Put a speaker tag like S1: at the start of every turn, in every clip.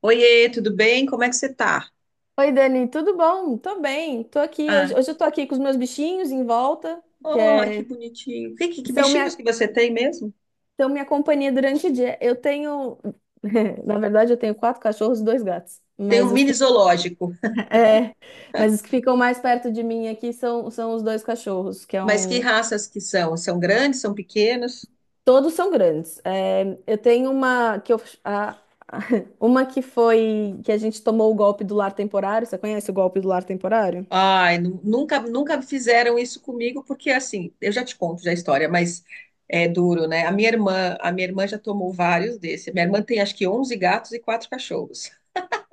S1: Oiê, tudo bem? Como é que você tá?
S2: Oi, Dani, tudo bom? Tô bem, tô aqui.
S1: Ah,
S2: Hoje eu tô aqui com os meus bichinhos em volta, que
S1: oh, que
S2: é-
S1: bonitinho. Que
S2: são
S1: bichinhos
S2: minha,
S1: que você tem mesmo?
S2: são minha companhia durante o dia. Na verdade, eu tenho 4 cachorros e 2 gatos,
S1: Tem um
S2: mas os
S1: mini
S2: que,
S1: zoológico,
S2: é, mas os que ficam mais perto de mim aqui são os 2 cachorros, que é
S1: mas que
S2: um.
S1: raças que são? São grandes, são pequenos?
S2: Todos são grandes. É, eu tenho uma que eu, a- uma que foi que a gente tomou o golpe do lar temporário. Você conhece o golpe do lar temporário?
S1: Ai, nunca fizeram isso comigo, porque assim, eu já te conto já a história, mas é duro, né? A minha irmã já tomou vários desses. Minha irmã tem acho que onze gatos e quatro cachorros.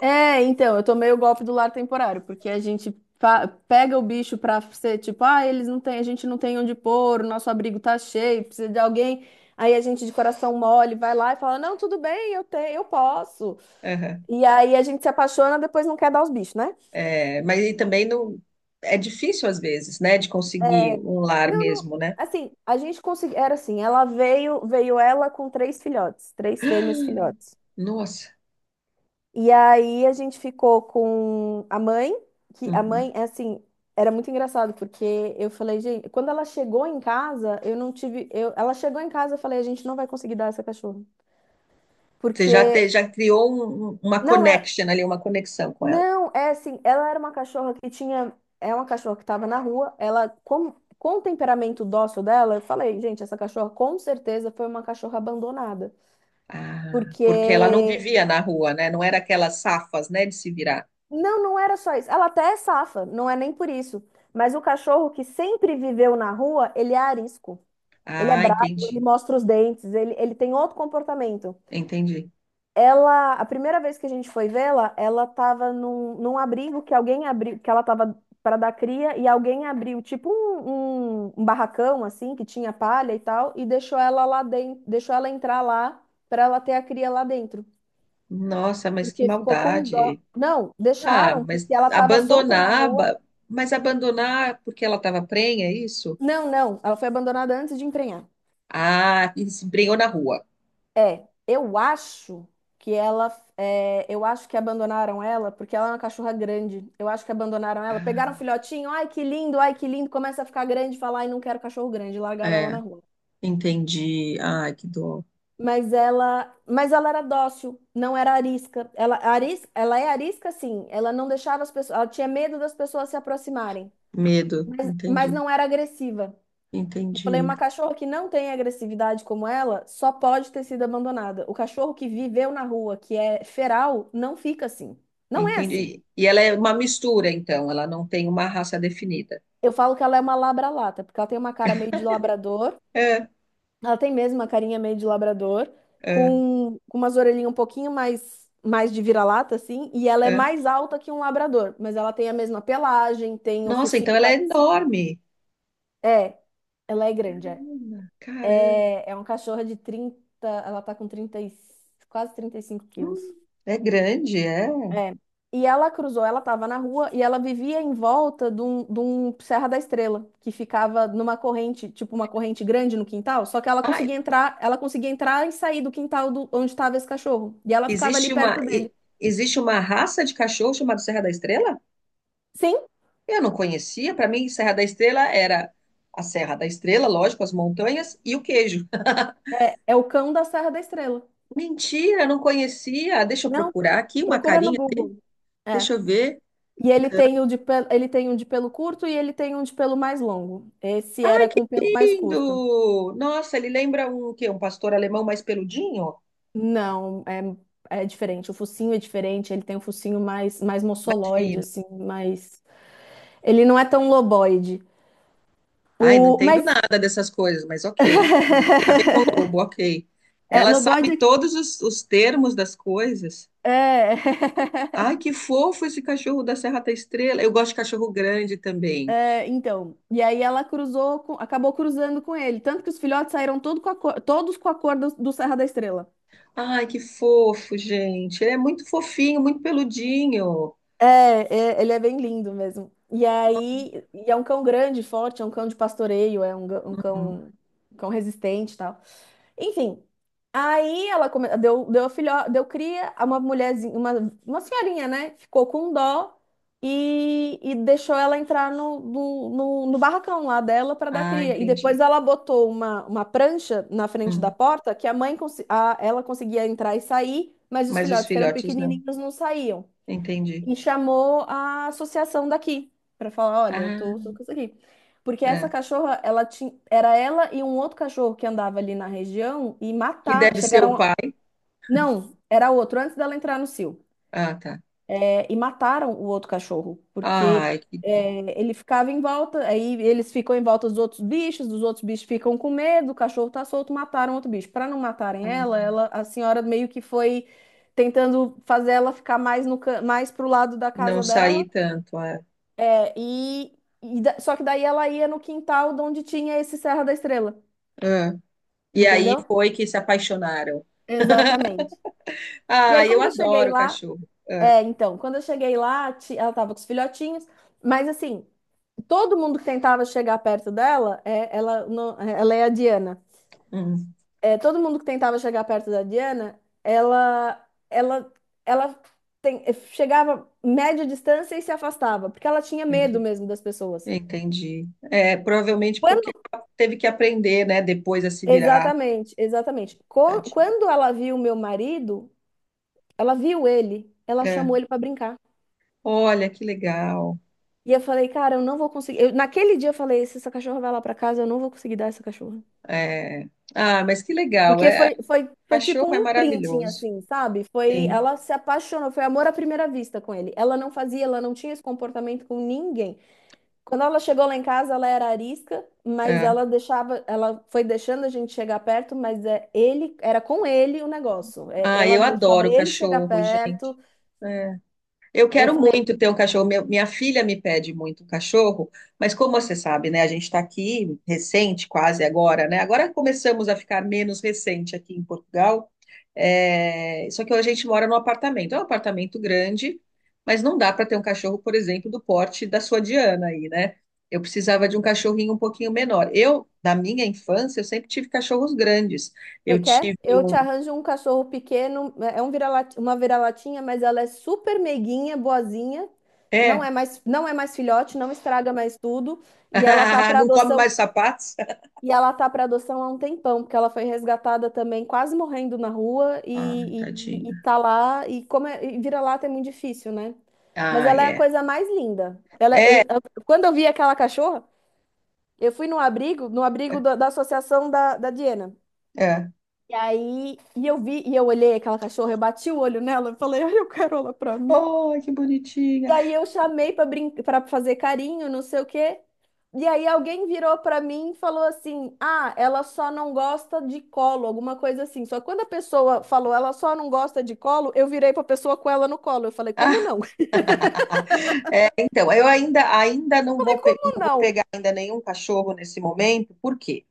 S2: É, então, eu tomei o golpe do lar temporário, porque a gente pega o bicho pra ser tipo, ah, eles não têm, a gente não tem onde pôr, o nosso abrigo tá cheio, precisa de alguém. Aí a gente de coração mole vai lá e fala: "Não, tudo bem, eu tenho, eu posso".
S1: Aham.
S2: E aí a gente se apaixona, depois não quer dar os bichos, né?
S1: É, mas e também não é difícil às vezes, né, de conseguir
S2: É,
S1: um lar
S2: não, não,
S1: mesmo, né?
S2: assim, a gente conseguiu, era assim, ela veio, veio ela com 3 filhotes, 3 fêmeas filhotes.
S1: Nossa.
S2: E aí a gente ficou com a mãe, que a
S1: Uhum.
S2: mãe, é assim, era muito engraçado, porque eu falei, gente, quando ela chegou em casa, eu não tive. Eu, ela chegou em casa, eu falei, a gente não vai conseguir dar essa cachorra. Porque.
S1: Já criou uma
S2: Não, era.
S1: connection ali, uma conexão com ela.
S2: Não, é assim, ela era uma cachorra que tinha. É uma cachorra que estava na rua, ela. Com o temperamento dócil dela, eu falei, gente, essa cachorra com certeza foi uma cachorra abandonada.
S1: Ah, porque ela não
S2: Porque
S1: vivia na rua, né? Não era aquelas safas, né, de se virar.
S2: não, não era só isso. Ela até é safa, não é nem por isso. Mas o cachorro que sempre viveu na rua, ele é arisco. Ele é
S1: Ah,
S2: bravo, ele
S1: entendi,
S2: mostra os dentes, ele tem outro comportamento.
S1: entendi.
S2: Ela, a primeira vez que a gente foi vê-la, ela estava num abrigo que alguém abriu, que ela estava para dar cria e alguém abriu, tipo um barracão assim, que tinha palha e tal, e deixou ela lá dentro, deixou ela entrar lá para ela ter a cria lá dentro.
S1: Nossa, mas que
S2: Porque ficou com dó.
S1: maldade.
S2: Não,
S1: Ah,
S2: deixaram,
S1: mas
S2: porque ela estava solta na
S1: abandonar,
S2: rua.
S1: mas abandonar porque ela estava prenha, é isso?
S2: Não, não. Ela foi abandonada antes de emprenhar.
S1: Ah, e se prenhou na rua.
S2: É, eu acho que ela. É, eu acho que abandonaram ela porque ela é uma cachorra grande. Eu acho que abandonaram ela. Pegaram
S1: Ah,
S2: o filhotinho, ai que lindo, ai que lindo. Começa a ficar grande, e fala, ai não quero cachorro grande. Largaram ela
S1: é,
S2: na rua.
S1: entendi. Ai, que dor.
S2: Mas ela era dócil, não era arisca. Ela, ela é arisca, sim. Ela não deixava as pessoas. Ela tinha medo das pessoas se aproximarem,
S1: Medo,
S2: mas
S1: entendi,
S2: não era agressiva. Falei,
S1: entendi.
S2: uma cachorra que não tem agressividade como ela só pode ter sido abandonada. O cachorro que viveu na rua, que é feral, não fica assim. Não é assim.
S1: Entendi. E ela é uma mistura, então, ela não tem uma raça definida.
S2: Eu falo que ela é uma labralata, porque ela tem uma cara meio de labrador.
S1: É,
S2: Ela tem mesmo uma carinha meio de labrador,
S1: é,
S2: com umas orelhinhas um pouquinho mais, mais de vira-lata, assim. E ela é
S1: é.
S2: mais alta que um labrador, mas ela tem a mesma pelagem, tem um
S1: Nossa, então
S2: focinho
S1: ela é
S2: parecido.
S1: enorme.
S2: É, ela é grande, é.
S1: Ana, caramba.
S2: É, é um cachorro de 30. Ela tá com quase 35 quilos.
S1: É grande, é.
S2: É. E ela cruzou, ela estava na rua e ela vivia em volta de um Serra da Estrela, que ficava numa corrente, tipo uma corrente grande no quintal, só que
S1: Ai,
S2: ela conseguia entrar e sair do quintal do, onde estava esse cachorro. E ela ficava ali
S1: existe uma,
S2: perto dele.
S1: existe uma raça de cachorro chamada Serra da Estrela?
S2: Sim,
S1: Eu não conhecia. Para mim, Serra da Estrela era a Serra da Estrela, lógico, as montanhas e o queijo.
S2: é, é o cão da Serra da Estrela.
S1: Mentira, não conhecia. Deixa eu
S2: Não,
S1: procurar aqui uma
S2: procura no
S1: carinha.
S2: Google. É.
S1: Deixa eu ver. Ah,
S2: E ele tem o de pelo, ele tem um de pelo curto e ele tem um de pelo mais longo. Esse era com pelo mais curto.
S1: lindo! Nossa, ele lembra um que um pastor alemão mais peludinho,
S2: Não, é, é diferente. O focinho é diferente. Ele tem um focinho mais, mais
S1: mais
S2: moçoloide,
S1: fino.
S2: assim, mais. Ele não é tão loboide.
S1: Ai, não
S2: O,
S1: entendo
S2: mas.
S1: nada dessas coisas, mas ok. Lobo, ok.
S2: É,
S1: Ela
S2: loboide
S1: sabe
S2: é.
S1: todos os termos das coisas. Ai, que fofo esse cachorro da Serra da Estrela. Eu gosto de cachorro grande
S2: É,
S1: também.
S2: é, então. E aí ela cruzou, acabou cruzando com ele. Tanto que os filhotes saíram todos com a cor do, do Serra da Estrela.
S1: Ai, que fofo, gente. Ele é muito fofinho, muito peludinho.
S2: É, é, ele é bem lindo mesmo. E aí, e é um cão grande, forte, é um cão de pastoreio, é um,
S1: Hum.
S2: um cão resistente e tal. Enfim, aí ela deu cria a uma mulherzinha, uma senhorinha, né? Ficou com dó e deixou ela entrar no barracão lá dela para dar
S1: Ah,
S2: cria. E depois
S1: entendi.
S2: ela botou uma prancha na frente da
S1: Hum.
S2: porta que a mãe, ela conseguia entrar e sair, mas os
S1: Mas os
S2: filhotes que eram
S1: filhotes não.
S2: pequenininhos não saíam
S1: Entendi.
S2: e chamou a associação daqui para falar, olha, eu tô,
S1: Ah,
S2: tô com isso aqui. Porque essa
S1: é.
S2: cachorra, ela tinha, era ela e um outro cachorro que andava ali na região e
S1: Que
S2: mataram,
S1: deve ser o
S2: chegaram a-
S1: pai.
S2: Não, era outro, antes dela entrar no cio.
S1: Ah, tá.
S2: É, e mataram o outro cachorro, porque
S1: Ai, que bom.
S2: é, ele ficava em volta, aí eles ficam em volta dos outros bichos, os outros bichos ficam com medo, o cachorro tá solto, mataram outro bicho. Para não matarem ela, ela, a senhora meio que foi tentando fazer ela ficar mais no, ca- mais pro lado da
S1: Não
S2: casa dela.
S1: saí tanto, é.
S2: É, E, só que daí ela ia no quintal de onde tinha esse Serra da Estrela,
S1: É. E aí
S2: entendeu?
S1: foi que se apaixonaram.
S2: Exatamente. E aí
S1: Ah, eu
S2: quando eu cheguei
S1: adoro
S2: lá,
S1: cachorro. É.
S2: é, então, quando eu cheguei lá, ela tava com os filhotinhos, mas assim, todo mundo que tentava chegar perto dela, é, ela, ela é a Diana.
S1: Hum,
S2: É, todo mundo que tentava chegar perto da Diana, ela, ela, ela tem- chegava média distância e se afastava, porque ela tinha medo
S1: entendi.
S2: mesmo das pessoas.
S1: Entendi. É, provavelmente porque
S2: Quando
S1: ela teve que aprender, né, depois a se virar.
S2: exatamente, exatamente.
S1: Tadinho.
S2: Quando ela viu meu marido, ela viu ele, ela
S1: É.
S2: chamou ele pra brincar.
S1: Olha, que legal.
S2: E eu falei, cara, eu não vou conseguir. Naquele dia eu falei, se essa cachorra vai lá pra casa, eu não vou conseguir dar essa cachorra.
S1: É. Ah, mas que legal.
S2: Porque
S1: É,
S2: foi tipo
S1: cachorro
S2: um
S1: é
S2: imprinting,
S1: maravilhoso.
S2: assim, sabe? Foi,
S1: Sim.
S2: ela se apaixonou, foi amor à primeira vista com ele. Ela não fazia, ela não tinha esse comportamento com ninguém. Quando ela chegou lá em casa, ela era arisca, mas
S1: É.
S2: ela deixava, ela foi deixando a gente chegar perto, mas é ele, era com ele o negócio. É,
S1: Ah,
S2: ela
S1: eu
S2: deixava
S1: adoro
S2: ele chegar
S1: cachorro, gente.
S2: perto.
S1: É. Eu
S2: Eu
S1: quero
S2: falei,
S1: muito ter um cachorro. Minha filha me pede muito um cachorro, mas como você sabe, né? A gente está aqui recente, quase agora, né? Agora começamos a ficar menos recente aqui em Portugal. É, só que a gente mora num apartamento. É um apartamento grande, mas não dá para ter um cachorro, por exemplo, do porte da sua Diana aí, né? Eu precisava de um cachorrinho um pouquinho menor. Eu, na minha infância, eu sempre tive cachorros grandes.
S2: você
S1: Eu
S2: quer?
S1: tive
S2: Eu te
S1: um.
S2: arranjo um cachorro pequeno, é um vira-lata, uma vira-latinha, mas ela é super meiguinha, boazinha. Não
S1: É?
S2: é mais, não é mais filhote, não estraga mais tudo, e ela tá para
S1: Não come mais
S2: adoção.
S1: sapatos?
S2: E ela tá para adoção há um tempão, porque ela foi resgatada também, quase morrendo na rua,
S1: Ah,
S2: e, e,
S1: tadinho.
S2: e tá lá, e como é, e vira-lata é muito difícil, né? Mas
S1: Ah,
S2: ela é a
S1: é.
S2: coisa mais linda. Ela, é, eu,
S1: É,
S2: quando eu vi aquela cachorra, eu fui no abrigo, no abrigo da, da associação da, da Diana.
S1: é.
S2: E aí, e eu vi, e eu olhei aquela cachorra, eu bati o olho nela, eu falei, ai, eu quero ela pra mim.
S1: Oh, que bonitinha.
S2: E aí eu chamei pra brincar, para fazer carinho, não sei o quê. E aí alguém virou pra mim e falou assim: "Ah, ela só não gosta de colo", alguma coisa assim. Só que quando a pessoa falou: "Ela só não gosta de colo", eu virei pra pessoa com ela no colo. Eu falei: "Como não?"
S1: Então, eu ainda
S2: Eu
S1: não
S2: falei:
S1: vou,
S2: "Como
S1: não vou
S2: não?"
S1: pegar ainda nenhum cachorro nesse momento. Por quê?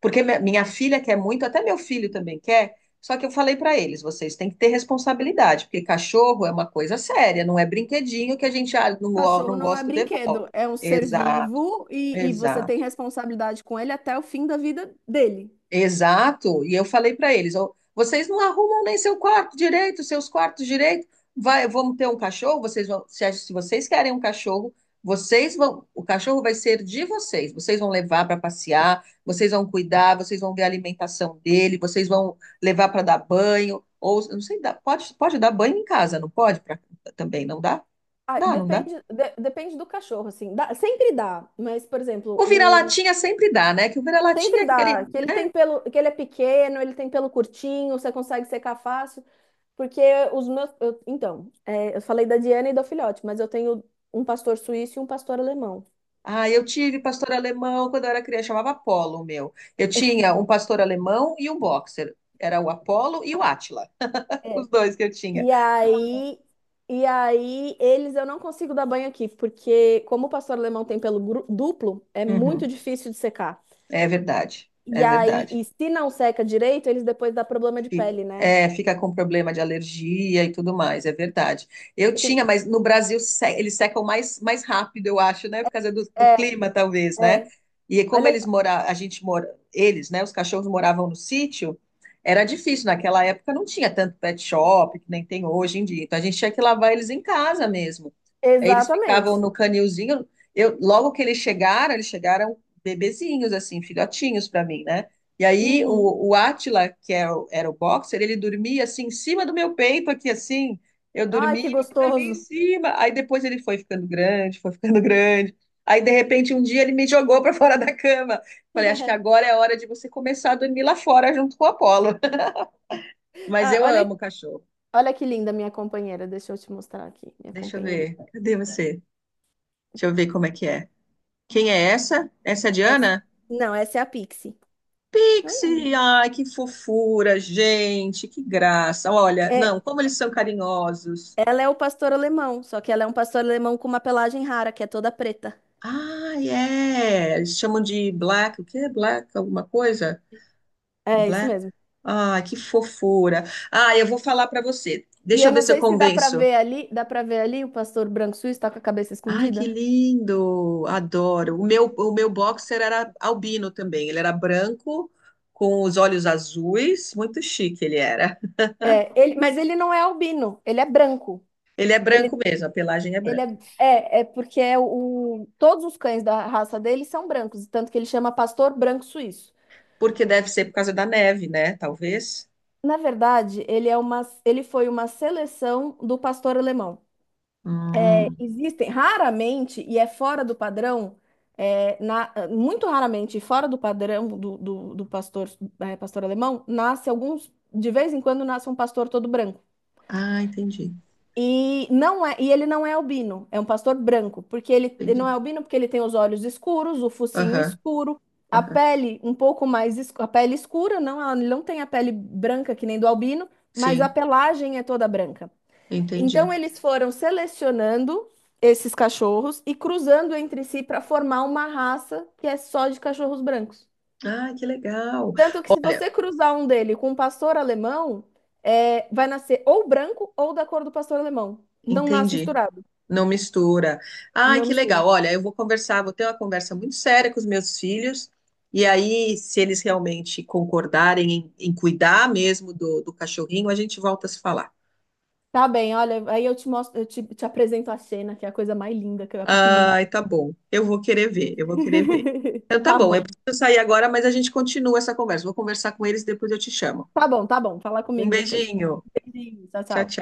S1: Porque minha filha quer muito, até meu filho também quer. Só que eu falei para eles, vocês têm que ter responsabilidade, porque cachorro é uma coisa séria, não é brinquedinho que a gente, ah, não,
S2: Cachorro
S1: não
S2: não é
S1: gosto, devolve.
S2: brinquedo, é um ser
S1: Exato,
S2: vivo e você tem
S1: exato.
S2: responsabilidade com ele até o fim da vida dele.
S1: Exato. E eu falei para eles, ó, vocês não arrumam nem seu quarto direito, seus quartos direito. Vai, vamos ter um cachorro, vocês vão, se vocês querem um cachorro, vocês vão, o cachorro vai ser de vocês. Vocês vão levar para passear, vocês vão cuidar, vocês vão ver a alimentação dele, vocês vão levar para dar banho ou eu não sei, pode dar banho em casa, não pode também, não dá?
S2: Ah,
S1: Dá, não dá?
S2: depende, depende do cachorro, assim. Dá- sempre dá, mas, por exemplo,
S1: O
S2: o
S1: vira-latinha sempre dá, né? Que o vira-latinha é
S2: sempre
S1: aquele.
S2: dá, que ele tem pelo, que ele é pequeno, ele tem pelo curtinho, você consegue secar fácil, porque os meus, então, é, eu falei da Diana e do filhote, mas eu tenho um pastor suíço e um pastor alemão.
S1: Ah, eu tive pastor alemão quando eu era criança, chamava Apolo o meu. Eu tinha um pastor alemão e um boxer. Era o Apolo e o Átila,
S2: É.
S1: os dois que eu tinha.
S2: E
S1: Ah,
S2: aí, e aí eles eu não consigo dar banho aqui, porque como o pastor alemão tem pelo duplo, é muito
S1: uhum.
S2: difícil de secar.
S1: É verdade,
S2: E
S1: é
S2: aí,
S1: verdade.
S2: e se não seca direito, eles depois dá problema de
S1: Fica,
S2: pele, né?
S1: é, fica com problema de alergia e tudo mais, é verdade. Eu
S2: É,
S1: tinha, mas no Brasil eles secam mais, mais rápido, eu acho, né? Por causa do, do
S2: é.
S1: clima, talvez, né?
S2: É.
S1: E como eles
S2: Olha,
S1: moravam, a gente mora, eles, né? Os cachorros moravam no sítio, era difícil. Naquela época não tinha tanto pet shop, que nem tem hoje em dia. Então a gente tinha que lavar eles em casa mesmo. Aí eles ficavam
S2: exatamente.
S1: no canilzinho. Eu, logo que eles chegaram bebezinhos, assim, filhotinhos para mim, né? E aí
S2: Uhum.
S1: o Átila, que é era o boxer, ele dormia assim em cima do meu peito, aqui assim. Eu
S2: Ai,
S1: dormia,
S2: que
S1: ele dormia em
S2: gostoso.
S1: cima. Aí depois ele foi ficando grande, foi ficando grande. Aí de repente um dia ele me jogou para fora da cama. Falei, acho que agora é a hora de você começar a dormir lá fora junto com o Apolo. Mas
S2: Ah,
S1: eu
S2: olha,
S1: amo cachorro.
S2: olha que linda minha companheira. Deixa eu te mostrar aqui, minha
S1: Deixa eu
S2: companheirinha.
S1: ver. Cadê você? Deixa eu ver como é que é. Quem é essa? Essa é a
S2: Essa.
S1: Diana?
S2: Não, essa é a Pixie. Olha.
S1: Pixie! Ai, que fofura, gente, que graça. Olha,
S2: É,
S1: não, como eles são carinhosos.
S2: ela é o pastor alemão, só que ela é um pastor alemão com uma pelagem rara, que é toda preta.
S1: Ah, é. Eles chamam de black. O que é black? Alguma coisa?
S2: É, isso
S1: Black.
S2: mesmo.
S1: Ah, que fofura. Ah, eu vou falar para você.
S2: E
S1: Deixa eu
S2: eu
S1: ver
S2: não
S1: se eu
S2: sei se dá pra
S1: convenço.
S2: ver ali, dá pra ver ali o pastor branco suíço tá com a cabeça
S1: Ai, que
S2: escondida?
S1: lindo. Adoro. O meu boxer era albino também. Ele era branco, com os olhos azuis. Muito chique ele era.
S2: É, ele, mas ele não é albino, ele é branco.
S1: Ele é
S2: Ele,
S1: branco mesmo, a pelagem é
S2: ele
S1: branca.
S2: é, é porque é o, todos os cães da raça dele são brancos, tanto que ele chama pastor branco suíço.
S1: Porque deve ser por causa da neve, né? Talvez.
S2: Na verdade, ele é uma, ele foi uma seleção do pastor alemão. É,
S1: Hum.
S2: existem raramente, e é fora do padrão, é, muito raramente, fora do padrão do, do, do pastor, é, pastor alemão, nasce alguns, de vez em quando nasce um pastor todo branco.
S1: Ah, entendi.
S2: E não é, e ele não é albino, é um pastor branco, porque ele não é
S1: Entendi.
S2: albino porque ele tem os olhos escuros, o focinho
S1: Aham,
S2: escuro, a
S1: aham.
S2: pele um pouco mais escura, a pele escura, não, ele não tem a pele branca que nem do albino, mas a
S1: Sim,
S2: pelagem é toda branca.
S1: entendi.
S2: Então eles foram selecionando esses cachorros e cruzando entre si para formar uma raça que é só de cachorros brancos.
S1: Ah, que legal.
S2: Tanto que se
S1: Olha,
S2: você cruzar um dele com um pastor alemão, é, vai nascer ou branco ou da cor do pastor alemão. Não nasce
S1: entendi.
S2: misturado.
S1: Não mistura. Ah,
S2: Não
S1: que
S2: mistura.
S1: legal. Olha, eu vou conversar, vou ter uma conversa muito séria com os meus filhos. E aí, se eles realmente concordarem em, em cuidar mesmo do, do cachorrinho, a gente volta a se falar.
S2: Tá bem, olha, aí eu te mostro, eu te, te apresento a cena, que é a coisa mais linda, que é a pequenininha.
S1: Ai, tá bom. Eu vou querer ver, eu vou querer ver. Então, tá
S2: Tá
S1: bom. Eu
S2: bom.
S1: preciso sair agora, mas a gente continua essa conversa. Vou conversar com eles, depois eu te chamo.
S2: Tá bom, tá bom. Fala
S1: Um
S2: comigo depois.
S1: beijinho.
S2: Beijinho, tchau,
S1: Tchau,
S2: tchau.
S1: tchau.